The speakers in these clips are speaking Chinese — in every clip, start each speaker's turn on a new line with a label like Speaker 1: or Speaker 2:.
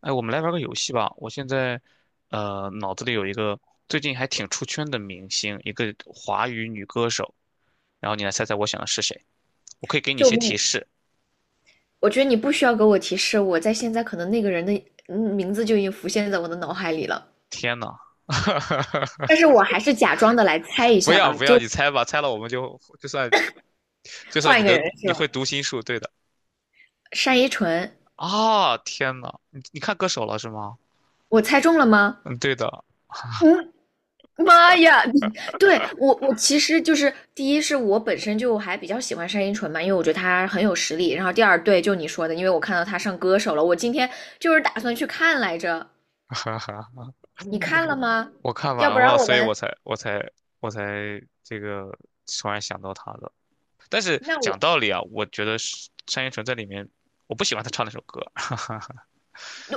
Speaker 1: 哎，我们来玩个游戏吧。我现在，脑子里有一个最近还挺出圈的明星，一个华语女歌手，然后你来猜猜我想的是谁。我可以给你一
Speaker 2: 救
Speaker 1: 些提
Speaker 2: 命！
Speaker 1: 示。
Speaker 2: 我觉得你不需要给我提示，我在现在可能那个人的名字就已经浮现在我的脑海里了，
Speaker 1: 天呐，
Speaker 2: 但是我还是假装的来猜一
Speaker 1: 不
Speaker 2: 下
Speaker 1: 要
Speaker 2: 吧，
Speaker 1: 不要，
Speaker 2: 就
Speaker 1: 你猜吧，猜了我们就就算就算
Speaker 2: 换
Speaker 1: 你
Speaker 2: 一个
Speaker 1: 的
Speaker 2: 人
Speaker 1: 你
Speaker 2: 是吧？
Speaker 1: 会读心术，对的，
Speaker 2: 单依纯，
Speaker 1: 啊，天呐，你看歌手了是吗？
Speaker 2: 我猜中了吗？
Speaker 1: 嗯，对的，
Speaker 2: 嗯，妈呀！对，我其实就是第一是我本身就还比较喜欢单依纯嘛，因为我觉得她很有实力。然后第二，对，就你说的，因为我看到她上歌手了，我今天就是打算去看来着。
Speaker 1: 哈哈，
Speaker 2: 你看了吗？
Speaker 1: 我看
Speaker 2: 要
Speaker 1: 完
Speaker 2: 不
Speaker 1: 了，
Speaker 2: 然我
Speaker 1: 所以
Speaker 2: 们，
Speaker 1: 我才这个突然想到他的。但是
Speaker 2: 那
Speaker 1: 讲
Speaker 2: 我
Speaker 1: 道理啊，我觉得是单依纯在里面，我不喜欢她唱那首歌。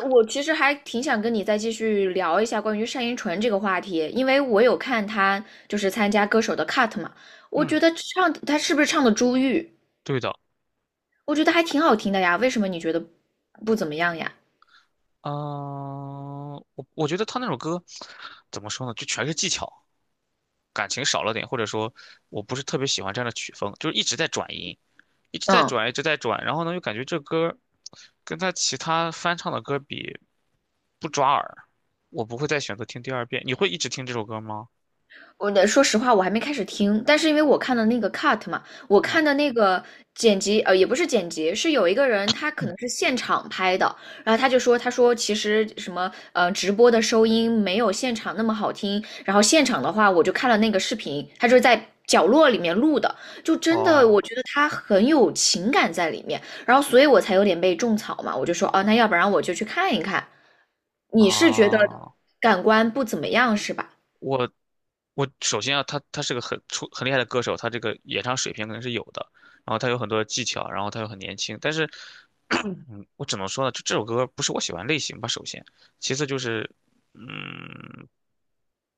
Speaker 2: 我其实还挺想跟你再继续聊一下关于单依纯这个话题，因为我有看她就是参加歌手的 cut 嘛，我
Speaker 1: 嗯，
Speaker 2: 觉得唱她是不是唱的《珠玉》，
Speaker 1: 对的，
Speaker 2: 我觉得还挺好听的呀，为什么你觉得不怎么样呀？
Speaker 1: 嗯、我觉得她那首歌怎么说呢，就全是技巧，感情少了点，或者说我不是特别喜欢这样的曲风，就是一直在转音，一直在
Speaker 2: 嗯，
Speaker 1: 转，一直在转，然后呢又感觉这歌跟她其他翻唱的歌比不抓耳，我不会再选择听第二遍。你会一直听这首歌吗？
Speaker 2: 说实话，我还没开始听，但是因为我看的那个 cut 嘛，我看的
Speaker 1: 哦。
Speaker 2: 那个剪辑，也不是剪辑，是有一个人他可能是现场拍的，然后他就说，他说其实什么，直播的收音没有现场那么好听，然后现场的话，我就看了那个视频，他就是在角落里面录的，就真的
Speaker 1: 哦
Speaker 2: 我觉得他很有情感在里面，然后所以我才有点被种草嘛，我就说，哦，那要不然我就去看一看，你是觉得
Speaker 1: 啊，
Speaker 2: 感官不怎么样是吧？
Speaker 1: 我我首先啊，他是个很厉害的歌手，他这个演唱水平肯定是有的，然后他有很多技巧，然后他又很年轻，但是，我只能说呢，就这首歌不是我喜欢类型吧，首先，其次就是，嗯，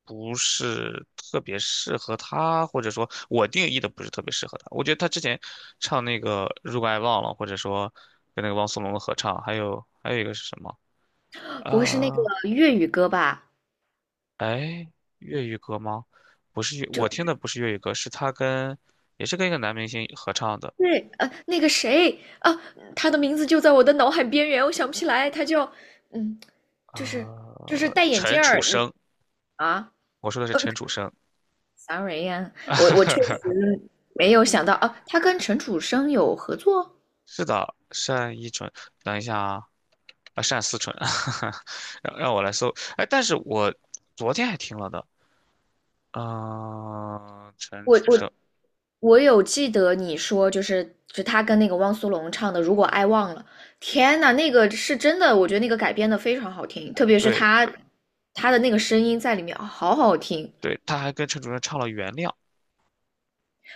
Speaker 1: 不是特别适合他，或者说我定义的不是特别适合他。我觉得他之前唱那个《如果爱忘了》，或者说跟那个汪苏泷的合唱，还有一个是什么啊？
Speaker 2: 不会是那个粤语歌吧？
Speaker 1: 哎，粤语歌吗？不是粤
Speaker 2: 就
Speaker 1: 我听
Speaker 2: 是
Speaker 1: 的不是粤语歌，是他跟也是跟一个男明星合唱的，
Speaker 2: 对，那个谁啊，他的名字就在我的脑海边缘，我想不起来，他叫，嗯，就是就是戴眼
Speaker 1: 陈
Speaker 2: 镜
Speaker 1: 楚
Speaker 2: 儿，你
Speaker 1: 生，
Speaker 2: 啊
Speaker 1: 我说的是陈楚生，
Speaker 2: ，sorry 呀，我确实没有想到啊，他跟陈楚生有合作，
Speaker 1: 是的，单依纯，等一下啊，啊，单思纯，让我来搜，哎，但是我昨天还听了的，嗯、陈
Speaker 2: 我
Speaker 1: 楚
Speaker 2: 我
Speaker 1: 生，
Speaker 2: 我有记得你说就他跟那个汪苏泷唱的《如果爱忘了》，天呐，那个是真的，我觉得那个改编的非常好听，特别是
Speaker 1: 对
Speaker 2: 他的那个声音在里面，哦好好听。
Speaker 1: 对，他还跟陈楚生唱了《原谅》，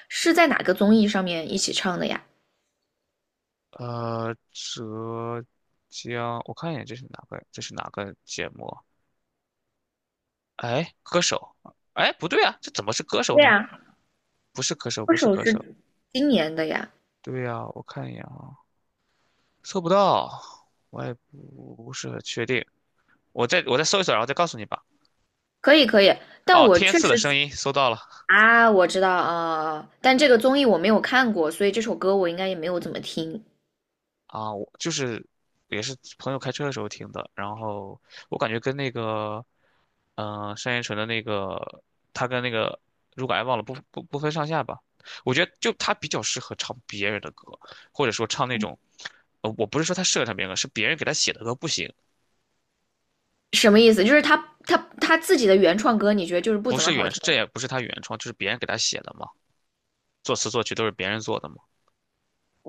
Speaker 2: 是在哪个综艺上面一起唱的呀？
Speaker 1: 浙江，我看一眼这是哪个，这是哪个节目？哎，歌手，哎，不对啊，这怎么是歌手
Speaker 2: 对
Speaker 1: 呢？
Speaker 2: 呀，
Speaker 1: 不是歌手，不
Speaker 2: 歌
Speaker 1: 是
Speaker 2: 手
Speaker 1: 歌手。
Speaker 2: 是今年的呀。
Speaker 1: 对呀、我看一眼啊，搜不到，我也不是很确定。我再搜一搜，然后再告诉你吧。
Speaker 2: 可以可以，但
Speaker 1: 哦，
Speaker 2: 我
Speaker 1: 天
Speaker 2: 确
Speaker 1: 赐的声
Speaker 2: 实
Speaker 1: 音搜到了
Speaker 2: 啊，我知道啊，但这个综艺我没有看过，所以这首歌我应该也没有怎么听。
Speaker 1: 啊，我就是也是朋友开车的时候听的，然后我感觉跟那个，单依纯的那个，他跟那个如果爱忘了不分上下吧。我觉得就他比较适合唱别人的歌，或者说唱那种我不是说他设唱成的歌，是别人给他写的歌不行，
Speaker 2: 什么意思？就是他他自己的原创歌，你觉得就是不
Speaker 1: 不
Speaker 2: 怎么
Speaker 1: 是
Speaker 2: 好
Speaker 1: 原，
Speaker 2: 听？
Speaker 1: 这也不是他原创，就是别人给他写的嘛，作词作曲都是别人做的嘛。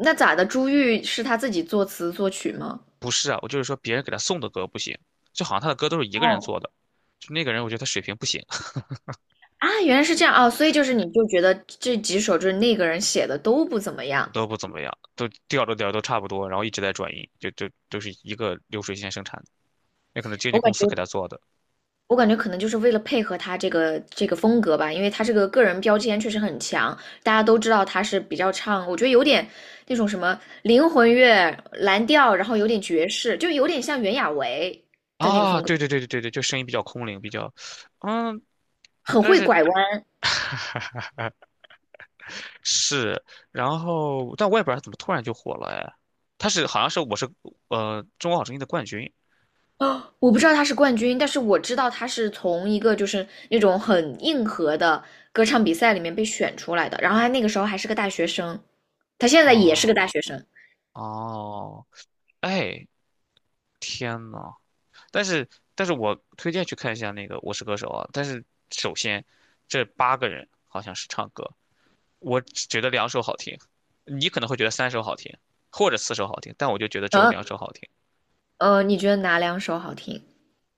Speaker 2: 那咋的？朱玉是他自己作词作曲吗？
Speaker 1: 不是啊，我就是说别人给他送的歌不行，就好像他的歌都是一个人
Speaker 2: 哦，
Speaker 1: 做的，就那个人我觉得他水平不行，
Speaker 2: 啊，原来是这样啊，所以就是你就觉得这几首就是那个人写的都不怎么样。
Speaker 1: 都不怎么样，都调着调都差不多，然后一直在转音，就就都是一个流水线生产的，那可能经纪
Speaker 2: 我感
Speaker 1: 公司给他
Speaker 2: 觉
Speaker 1: 做的
Speaker 2: 我感觉可能就是为了配合他这个风格吧，因为他这个个人标签确实很强，大家都知道他是比较唱，我觉得有点那种什么灵魂乐、蓝调，然后有点爵士，就有点像袁娅维的那个风
Speaker 1: 啊，
Speaker 2: 格，
Speaker 1: 对对对对对对，就声音比较空灵，比较，嗯，
Speaker 2: 很
Speaker 1: 但
Speaker 2: 会
Speaker 1: 是。
Speaker 2: 拐弯。
Speaker 1: 是，然后但我也不知道他怎么突然就火了哎，好像是中国好声音的冠军
Speaker 2: 啊，我不知道他是冠军，但是我知道他是从一个就是那种很硬核的歌唱比赛里面被选出来的，然后他那个时候还是个大学生，他现在也是个大
Speaker 1: 哦
Speaker 2: 学生。
Speaker 1: 哦，哎天呐，但是但是我推荐去看一下那个《我是歌手》啊，但是首先这八个人好像是唱歌，我只觉得两首好听，你可能会觉得三首好听或者四首好听，但我就觉得只有两
Speaker 2: 嗯，
Speaker 1: 首好听。
Speaker 2: 你觉得哪两首好听？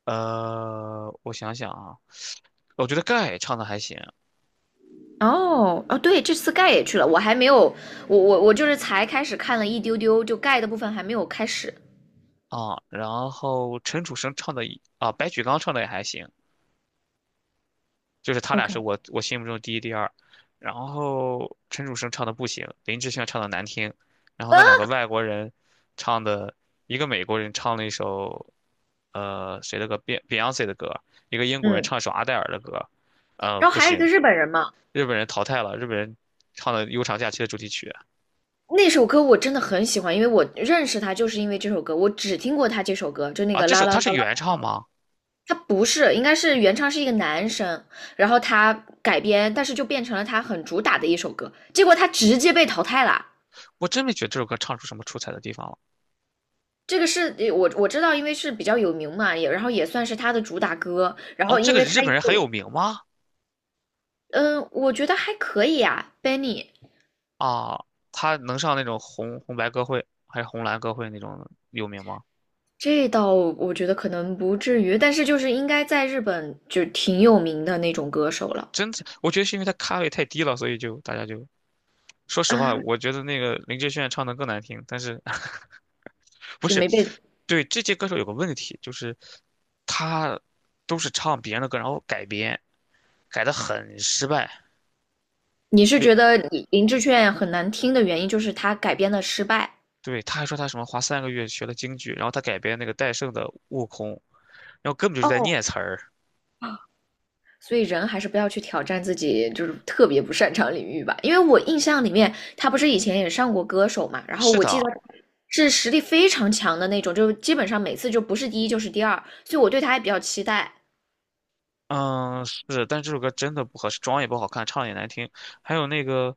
Speaker 1: 我想想啊，我觉得盖唱的还行，
Speaker 2: 哦哦，对，这次盖也去了，我还没有，我就是才开始看了一丢丢，就盖的部分还没有开始。
Speaker 1: 啊，然后陈楚生唱的也啊，白举纲唱的也还行，就是他俩是
Speaker 2: OK,
Speaker 1: 我心目中第一、第二。然后陈楚生唱的不行，林志炫唱的难听，然后
Speaker 2: 啊
Speaker 1: 那两个外国人唱的，一个美国人唱了一首谁的歌，Beyonce 的歌，一个英国人
Speaker 2: 嗯，
Speaker 1: 唱一首阿黛尔的歌，
Speaker 2: 然后
Speaker 1: 不
Speaker 2: 还有一个
Speaker 1: 行，
Speaker 2: 日本人嘛，
Speaker 1: 日本人淘汰了，日本人唱的《悠长假期》的主题曲
Speaker 2: 那首歌我真的很喜欢，因为我认识他就是因为这首歌，我只听过他这首歌，就那
Speaker 1: 啊，
Speaker 2: 个
Speaker 1: 这
Speaker 2: 啦
Speaker 1: 首
Speaker 2: 啦
Speaker 1: 他是
Speaker 2: 啦
Speaker 1: 原
Speaker 2: 啦，
Speaker 1: 唱吗？
Speaker 2: 他不是，应该是原唱是一个男生，然后他改编，但是就变成了他很主打的一首歌，结果他直接被淘汰了。
Speaker 1: 我真没觉得这首歌唱出什么出彩的地方了。
Speaker 2: 这个是我知道，因为是比较有名嘛，也然后也算是他的主打歌，然
Speaker 1: 哦，
Speaker 2: 后
Speaker 1: 这
Speaker 2: 因
Speaker 1: 个
Speaker 2: 为他
Speaker 1: 日本人很有
Speaker 2: 又
Speaker 1: 名吗？
Speaker 2: 嗯，我觉得还可以啊，Benny,
Speaker 1: 啊，他能上那种红白歌会还是红蓝歌会那种有名吗？
Speaker 2: 这倒我觉得可能不至于，但是就是应该在日本就挺有名的那种歌手了
Speaker 1: 真的，我觉得是因为他咖位太低了，所以就大家就说实话，
Speaker 2: 啊，
Speaker 1: 我觉得那个林志炫唱的更难听。但是 不
Speaker 2: 就
Speaker 1: 是，
Speaker 2: 没被。
Speaker 1: 对这届歌手有个问题，就是他都是唱别人的歌，然后改编，改的很失败。
Speaker 2: 你是
Speaker 1: 那
Speaker 2: 觉得林志炫很难听的原因就是他改编的失败，
Speaker 1: 对，他还说他什么花三个月学了京剧，然后他改编那个戴胜的《悟空》，然后根本就是在
Speaker 2: 哦，
Speaker 1: 念词儿。
Speaker 2: 所以人还是不要去挑战自己就是特别不擅长领域吧。因为我印象里面他不是以前也上过歌手嘛，然后
Speaker 1: 是
Speaker 2: 我
Speaker 1: 的，
Speaker 2: 记得是实力非常强的那种，就基本上每次就不是第一就是第二，所以我对他也比较期待。
Speaker 1: 嗯，是，但这首歌真的不合适，妆也不好看，唱也难听，还有那个，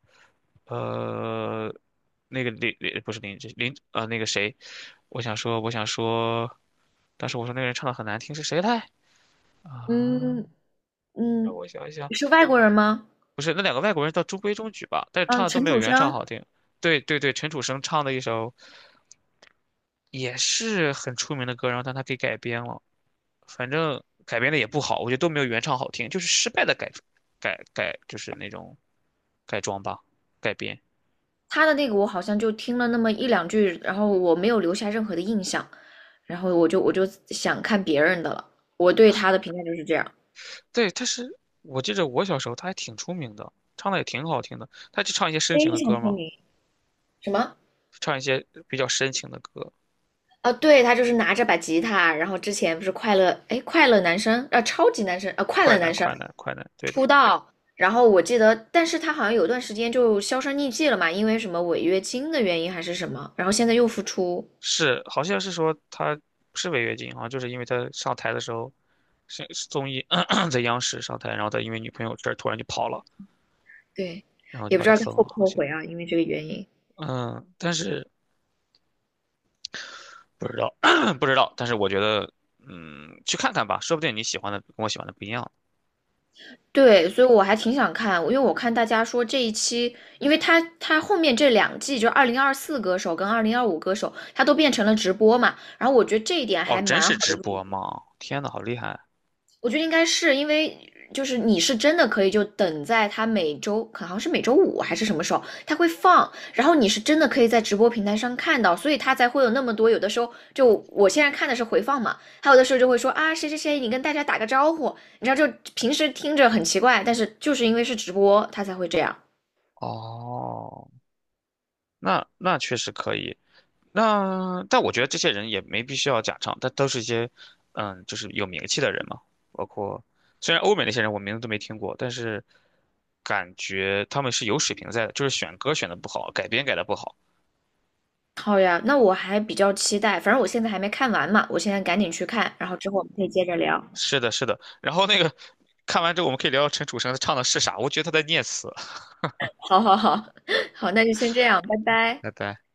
Speaker 1: 呃，那个林不是林志林那个谁，我想说，当时我说那个人唱的很难听是谁来啊？
Speaker 2: 嗯，
Speaker 1: 让
Speaker 2: 嗯，
Speaker 1: 我想一想，
Speaker 2: 是外国人吗？
Speaker 1: 不是那两个外国人倒中规中矩吧，但是唱
Speaker 2: 嗯，
Speaker 1: 的都
Speaker 2: 陈
Speaker 1: 没有
Speaker 2: 楚
Speaker 1: 原唱好
Speaker 2: 生，
Speaker 1: 听。对对对，陈楚生唱的一首也是很出名的歌，然后但他给改编了。反正改编的也不好，我觉得都没有原唱好听，就是失败的改改改，就是那种改装吧，改编。
Speaker 2: 他的那个我好像就听了那么一两句，然后我没有留下任何的印象，然后我就想看别人的了。我对他的评价就是这样。
Speaker 1: 对，他是我记着我小时候他还挺出名的，唱的也挺好听的。他就唱一些深情
Speaker 2: 非
Speaker 1: 的
Speaker 2: 常
Speaker 1: 歌
Speaker 2: 出
Speaker 1: 嘛，
Speaker 2: 名。什么？
Speaker 1: 唱一些比较深情的歌，
Speaker 2: 啊，对，他就是拿着把吉他，然后之前不是快乐，哎，快乐男生啊，超级男生啊，快
Speaker 1: 快
Speaker 2: 乐
Speaker 1: 男
Speaker 2: 男生
Speaker 1: 快男快男，对的，
Speaker 2: 出道，然后我记得，但是他好像有段时间就销声匿迹了嘛，因为什么违约金的原因还是什么，然后现在又复出，
Speaker 1: 是好像是说他是违约金啊，好像就是因为他上台的时候是综艺 在央视上台，然后他因为女朋友这儿突然就跑了，
Speaker 2: 对，
Speaker 1: 然后就
Speaker 2: 也不
Speaker 1: 把
Speaker 2: 知
Speaker 1: 他
Speaker 2: 道他
Speaker 1: 封
Speaker 2: 后
Speaker 1: 了，
Speaker 2: 不
Speaker 1: 好
Speaker 2: 后
Speaker 1: 像。
Speaker 2: 悔啊，因为这个原因。
Speaker 1: 嗯，但是不知道，不知道，但是我觉得，去看看吧，说不定你喜欢的跟我喜欢的不一样。
Speaker 2: 对，所以我还挺想看，因为我看大家说这一期，因为他后面这两季就2024歌手跟2025歌手，他都变成了直播嘛，然后我觉得这一点
Speaker 1: 哦，
Speaker 2: 还
Speaker 1: 真
Speaker 2: 蛮
Speaker 1: 是
Speaker 2: 好
Speaker 1: 直播吗？天呐，好厉害！
Speaker 2: 我觉得应该是因为，就是你是真的可以就等在他每周，可好像是每周五还是什么时候，他会放，然后你是真的可以在直播平台上看到，所以他才会有那么多。有的时候就我现在看的是回放嘛，还有的时候就会说啊谁谁谁，你跟大家打个招呼，你知道就平时听着很奇怪，但是就是因为是直播，他才会这样。
Speaker 1: 哦，那确实可以。那但我觉得这些人也没必须要假唱，但都是一些，就是有名气的人嘛。包括虽然欧美那些人我名字都没听过，但是感觉他们是有水平在的，就是选歌选的不好，改编改的不好。
Speaker 2: 好呀，那我还比较期待，反正我现在还没看完嘛，我现在赶紧去看，然后之后我们可以接着聊。
Speaker 1: 是的，是的。然后那个看完之后，我们可以聊聊陈楚生他唱的是啥，我觉得他在念词。
Speaker 2: 好好好，好，那就先这样，拜 拜。
Speaker 1: 拜拜。